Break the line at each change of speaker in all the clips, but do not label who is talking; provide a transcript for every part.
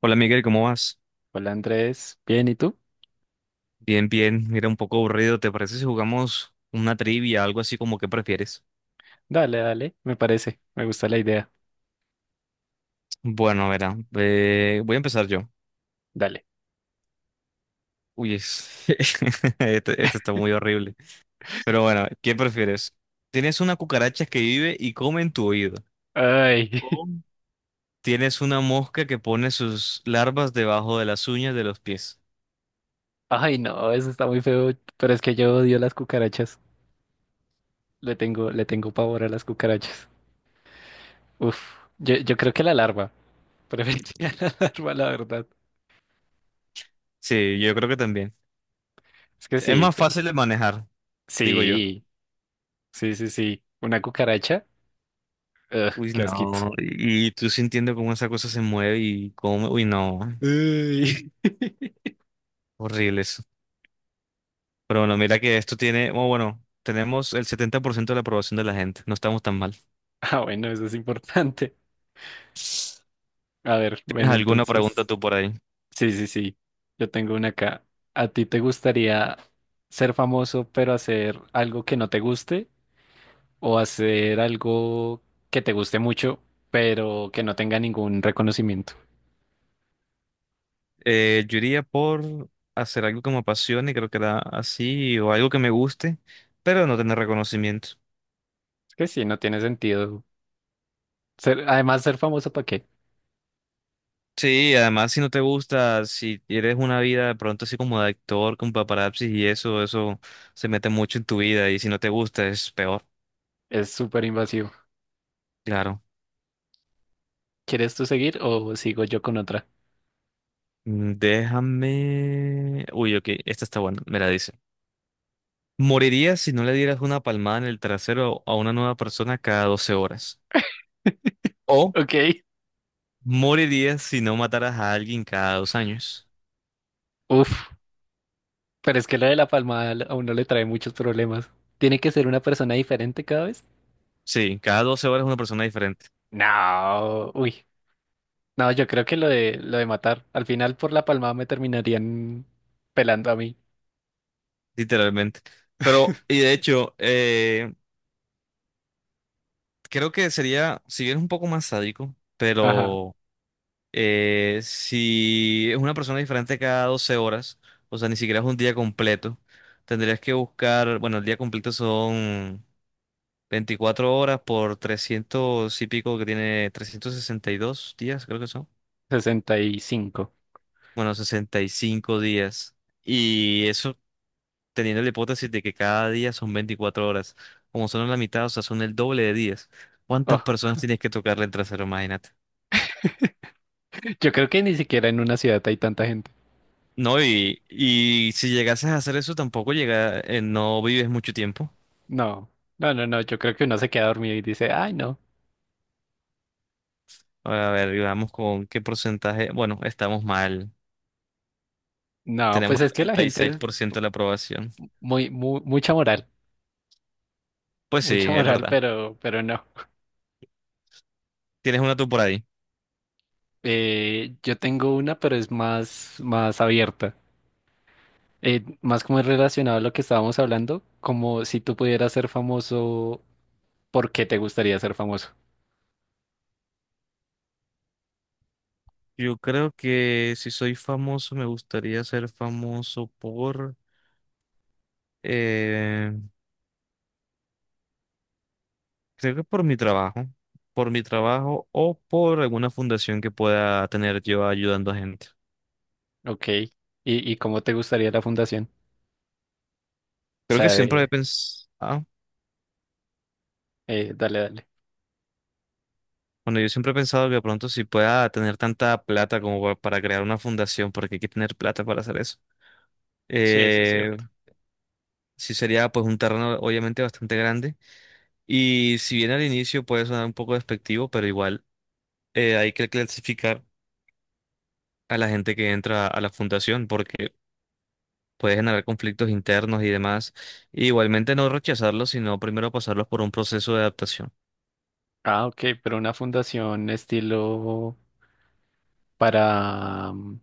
Hola Miguel, ¿cómo vas?
Hola Andrés, ¿bien y tú?
Bien, bien. Mira, un poco aburrido. ¿Te parece si jugamos una trivia, algo así como que prefieres?
Dale, dale, me parece, me gusta la idea.
Bueno, verá, voy a empezar yo.
Dale.
Uy, este está muy horrible. Pero bueno, ¿qué prefieres? ¿Tienes una cucaracha que vive y come en tu oído?
Ay,
¿O tienes una mosca que pone sus larvas debajo de las uñas de los pies?
ay no, eso está muy feo, pero es que yo odio las cucarachas. Le tengo pavor a las cucarachas. Uf, yo creo que la larva, preferiría la larva, la verdad.
Sí, yo creo que también.
Es que
Es
sí,
más fácil de manejar, digo yo.
sí, sí, sí, sí. Una cucaracha, ugh,
Uy,
qué asquito.
no, y tú sintiendo cómo esa cosa se mueve y cómo. Uy, no.
Uy.
Horribles. Pero bueno, mira que esto tiene, oh, bueno, tenemos el 70% de la aprobación de la gente. No estamos tan mal.
Ah, bueno, eso es importante. A ver, ven
¿Tienes alguna pregunta
entonces.
tú por ahí?
Sí, sí, sí. Yo tengo una acá. ¿A ti te gustaría ser famoso pero hacer algo que no te guste o hacer algo que te guste mucho pero que no tenga ningún reconocimiento?
Yo iría por hacer algo que me apasione, creo que era así, o algo que me guste, pero no tener reconocimiento.
Es que sí, no tiene sentido. Ser, además, ser famoso, ¿para qué?
Sí, además si no te gusta, si eres una vida de pronto así como de actor, con paparazzi y eso se mete mucho en tu vida y si no te gusta es peor,
Es súper invasivo.
claro.
¿Quieres tú seguir o sigo yo con otra?
Mm, déjame... Uy, ok, esta está buena, me la dice. Morirías si no le dieras una palmada en el trasero a una nueva persona cada 12 horas. O
Ok.
morirías si no mataras a alguien cada 2 años.
Uf, pero es que lo de la palmada a uno le trae muchos problemas. ¿Tiene que ser una persona diferente cada vez?
Sí, cada 12 horas una persona diferente,
No. Uy. No, yo creo que lo de matar. Al final por la palmada me terminarían pelando a mí.
literalmente. Pero, y de hecho, creo que sería, si bien es un poco más sádico,
Ajá,
pero si es una persona diferente cada 12 horas, o sea, ni siquiera es un día completo, tendrías que buscar, bueno, el día completo son... 24 horas por 300 y pico que tiene 362 días, creo que son.
65.
Bueno, 65 días. Y eso teniendo la hipótesis de que cada día son 24 horas. Como son la mitad, o sea, son el doble de días. ¿Cuántas
Oh,
personas tienes que tocarle el trasero? Imagínate.
yo creo que ni siquiera en una ciudad hay tanta gente.
No, y si llegases a hacer eso, tampoco llega, no vives mucho tiempo.
No, no, no, no. Yo creo que uno se queda dormido y dice, ay, no.
A ver, digamos con qué porcentaje. Bueno, estamos mal.
No,
Tenemos
pues
el
es que la
treinta y
gente
seis
es
por ciento de la aprobación.
muy, mucha moral.
Pues sí,
Mucha
es
moral,
verdad.
pero no.
Tienes una tú por ahí.
Yo tengo una, pero es más, más abierta. Más como es relacionado a lo que estábamos hablando, como si tú pudieras ser famoso, ¿por qué te gustaría ser famoso?
Yo creo que si soy famoso, me gustaría ser famoso por, eh, creo que por mi trabajo o por alguna fundación que pueda tener yo ayudando a gente.
Ok. Y cómo te gustaría la fundación? O
Creo que
sea,
siempre he
de...
pensado,
dale, dale.
bueno, yo siempre he pensado que de pronto si pueda tener tanta plata como para crear una fundación, porque hay que tener plata para hacer eso.
Sí, eso es
Eh,
cierto.
sí sería pues un terreno obviamente bastante grande y si bien al inicio puede sonar un poco despectivo, pero igual hay que clasificar a la gente que entra a la fundación porque puede generar conflictos internos y demás. Y igualmente no rechazarlos, sino primero pasarlos por un proceso de adaptación.
Ah, ok, pero una fundación estilo para, mm,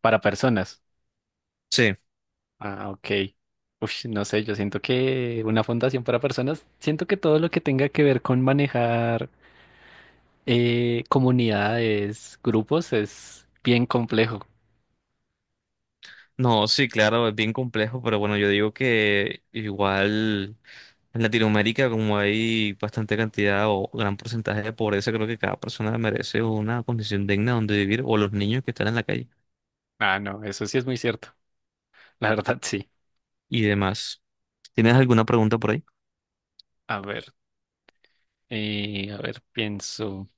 para personas.
Sí,
Ah, ok. Uf, no sé, yo siento que una fundación para personas, siento que todo lo que tenga que ver con manejar comunidades, grupos, es bien complejo.
no, sí, claro, es bien complejo, pero bueno, yo digo que igual en Latinoamérica, como hay bastante cantidad o gran porcentaje de pobreza, creo que cada persona merece una condición digna donde vivir o los niños que están en la calle
Ah, no, eso sí es muy cierto. La verdad, sí.
y demás. ¿Tienes alguna pregunta por ahí?
A ver, a ver, pienso.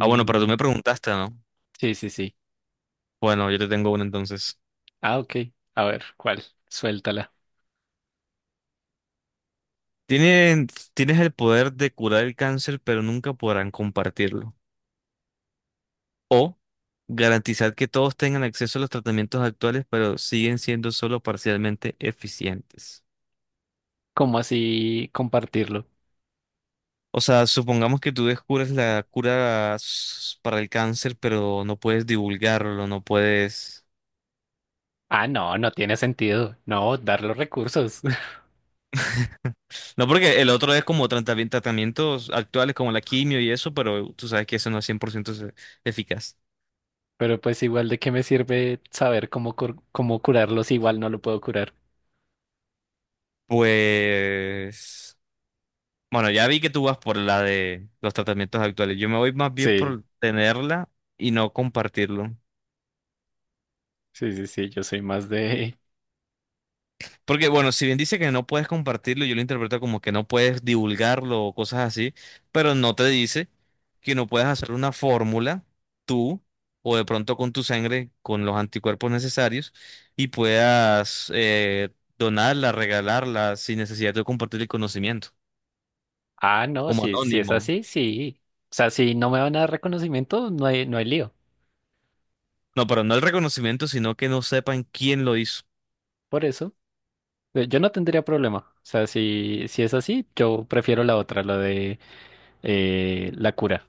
Ah, bueno, pero tú me preguntaste, ¿no?
sí, sí, sí.
Bueno, yo te tengo una entonces.
Ah, ok. A ver, ¿cuál? Suéltala.
Tienen, tienes el poder de curar el cáncer, pero nunca podrán compartirlo. O garantizar que todos tengan acceso a los tratamientos actuales, pero siguen siendo solo parcialmente eficientes.
¿Cómo así compartirlo?
O sea, supongamos que tú descubres la para el cáncer, pero no puedes divulgarlo, no puedes...
Ah, no, no tiene sentido. No, dar los recursos.
No, porque el otro es como tratamientos actuales como la quimio y eso, pero tú sabes que eso no es 100% eficaz.
Pero pues igual de qué me sirve saber cómo, cómo curarlos, igual no lo puedo curar.
Pues... Bueno, ya vi que tú vas por la de los tratamientos actuales. Yo me voy más bien
Sí,
por tenerla y no compartirlo.
sí, sí, sí, yo soy más de...
Porque, bueno, si bien dice que no puedes compartirlo, yo lo interpreto como que no puedes divulgarlo o cosas así, pero no te dice que no puedes hacer una fórmula tú o de pronto con tu sangre, con los anticuerpos necesarios y puedas donarla, regalarla sin necesidad de compartir el conocimiento,
Ah, no,
como
si, si es
anónimo.
así, sí. O sea, si no me van a dar reconocimiento, no hay, no hay lío.
No, pero no el reconocimiento, sino que no sepan quién lo hizo.
Por eso, yo no tendría problema. O sea, si, si es así, yo prefiero la otra, la de la cura.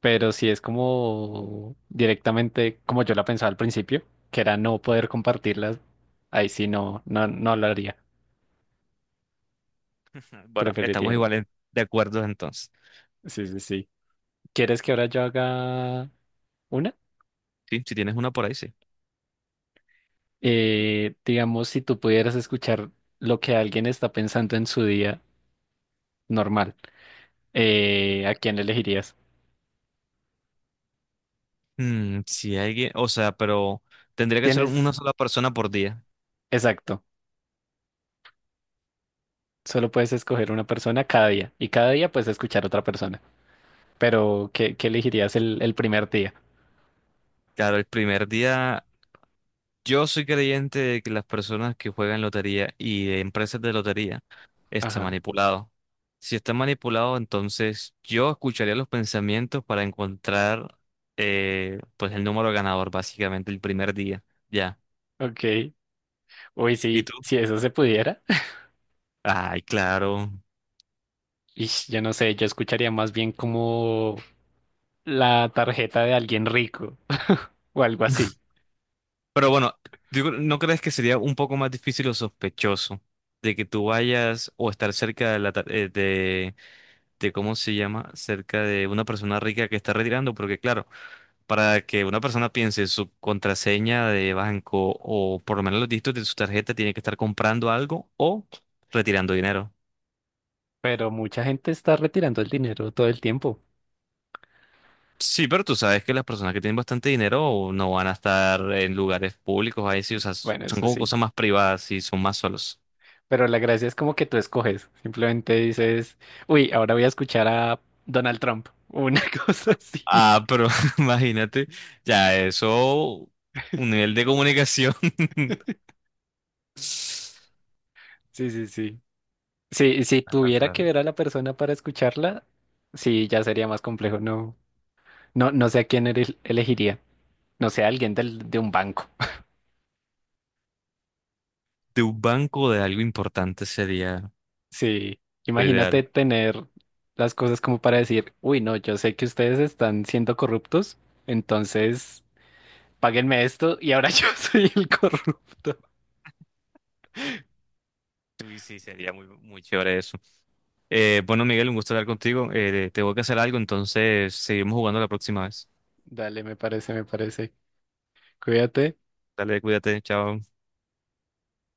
Pero si es como directamente como yo la pensaba al principio, que era no poder compartirlas, ahí sí no, no, no lo haría.
Bueno,
Preferiría.
estamos iguales de acuerdo entonces.
Sí, sí, sí. ¿Quieres que ahora yo haga una?
Sí, si tienes una por ahí, sí.
Digamos, si tú pudieras escuchar lo que alguien está pensando en su día normal, ¿a quién elegirías?
Mm, si alguien, o sea, pero tendría que ser una
Tienes,
sola persona por día.
exacto, solo puedes escoger una persona cada día y cada día puedes escuchar otra persona. Pero, ¿qué, qué elegirías el primer día?
Claro, el primer día, yo soy creyente de que las personas que juegan lotería y de empresas de lotería están
Ajá,
manipulados. Si están manipulados, entonces yo escucharía los pensamientos para encontrar pues el número ganador, básicamente, el primer día. Ya.
ok. Uy,
¿Y
sí,
tú?
si eso se pudiera.
Ay, claro.
Ish, yo no sé, yo escucharía más bien como la tarjeta de alguien rico o algo así.
Pero bueno, digo, ¿no crees que sería un poco más difícil o sospechoso de que tú vayas o estar cerca de la de cómo se llama, cerca de una persona rica que está retirando? Porque claro, para que una persona piense su contraseña de banco o por lo menos los dígitos de su tarjeta, tiene que estar comprando algo o retirando dinero.
Pero mucha gente está retirando el dinero todo el tiempo.
Sí, pero tú sabes que las personas que tienen bastante dinero no van a estar en lugares públicos, ahí sí, o sea,
Bueno,
son
eso
como
sí.
cosas más privadas y son más solos.
Pero la gracia es como que tú escoges. Simplemente dices, uy, ahora voy a escuchar a Donald Trump. O una cosa así.
Ah, pero imagínate, ya eso, un nivel de comunicación
Sí, sí, sí. Si, si
bastante
tuviera que
largo.
ver a la persona para escucharla, sí, ya sería más complejo. No, no, no sé a quién elegiría. No sé, a alguien del, de un banco.
De un banco de algo importante sería
Sí,
lo
imagínate
ideal.
tener las cosas como para decir, uy, no, yo sé que ustedes están siendo corruptos, entonces páguenme esto y ahora yo soy el corrupto.
Sí, sí, sería muy, muy chévere eso. Bueno, Miguel, un gusto hablar contigo. Tengo que hacer algo, entonces seguimos jugando la próxima vez.
Dale, me parece, me parece. Cuídate.
Dale, cuídate, chao.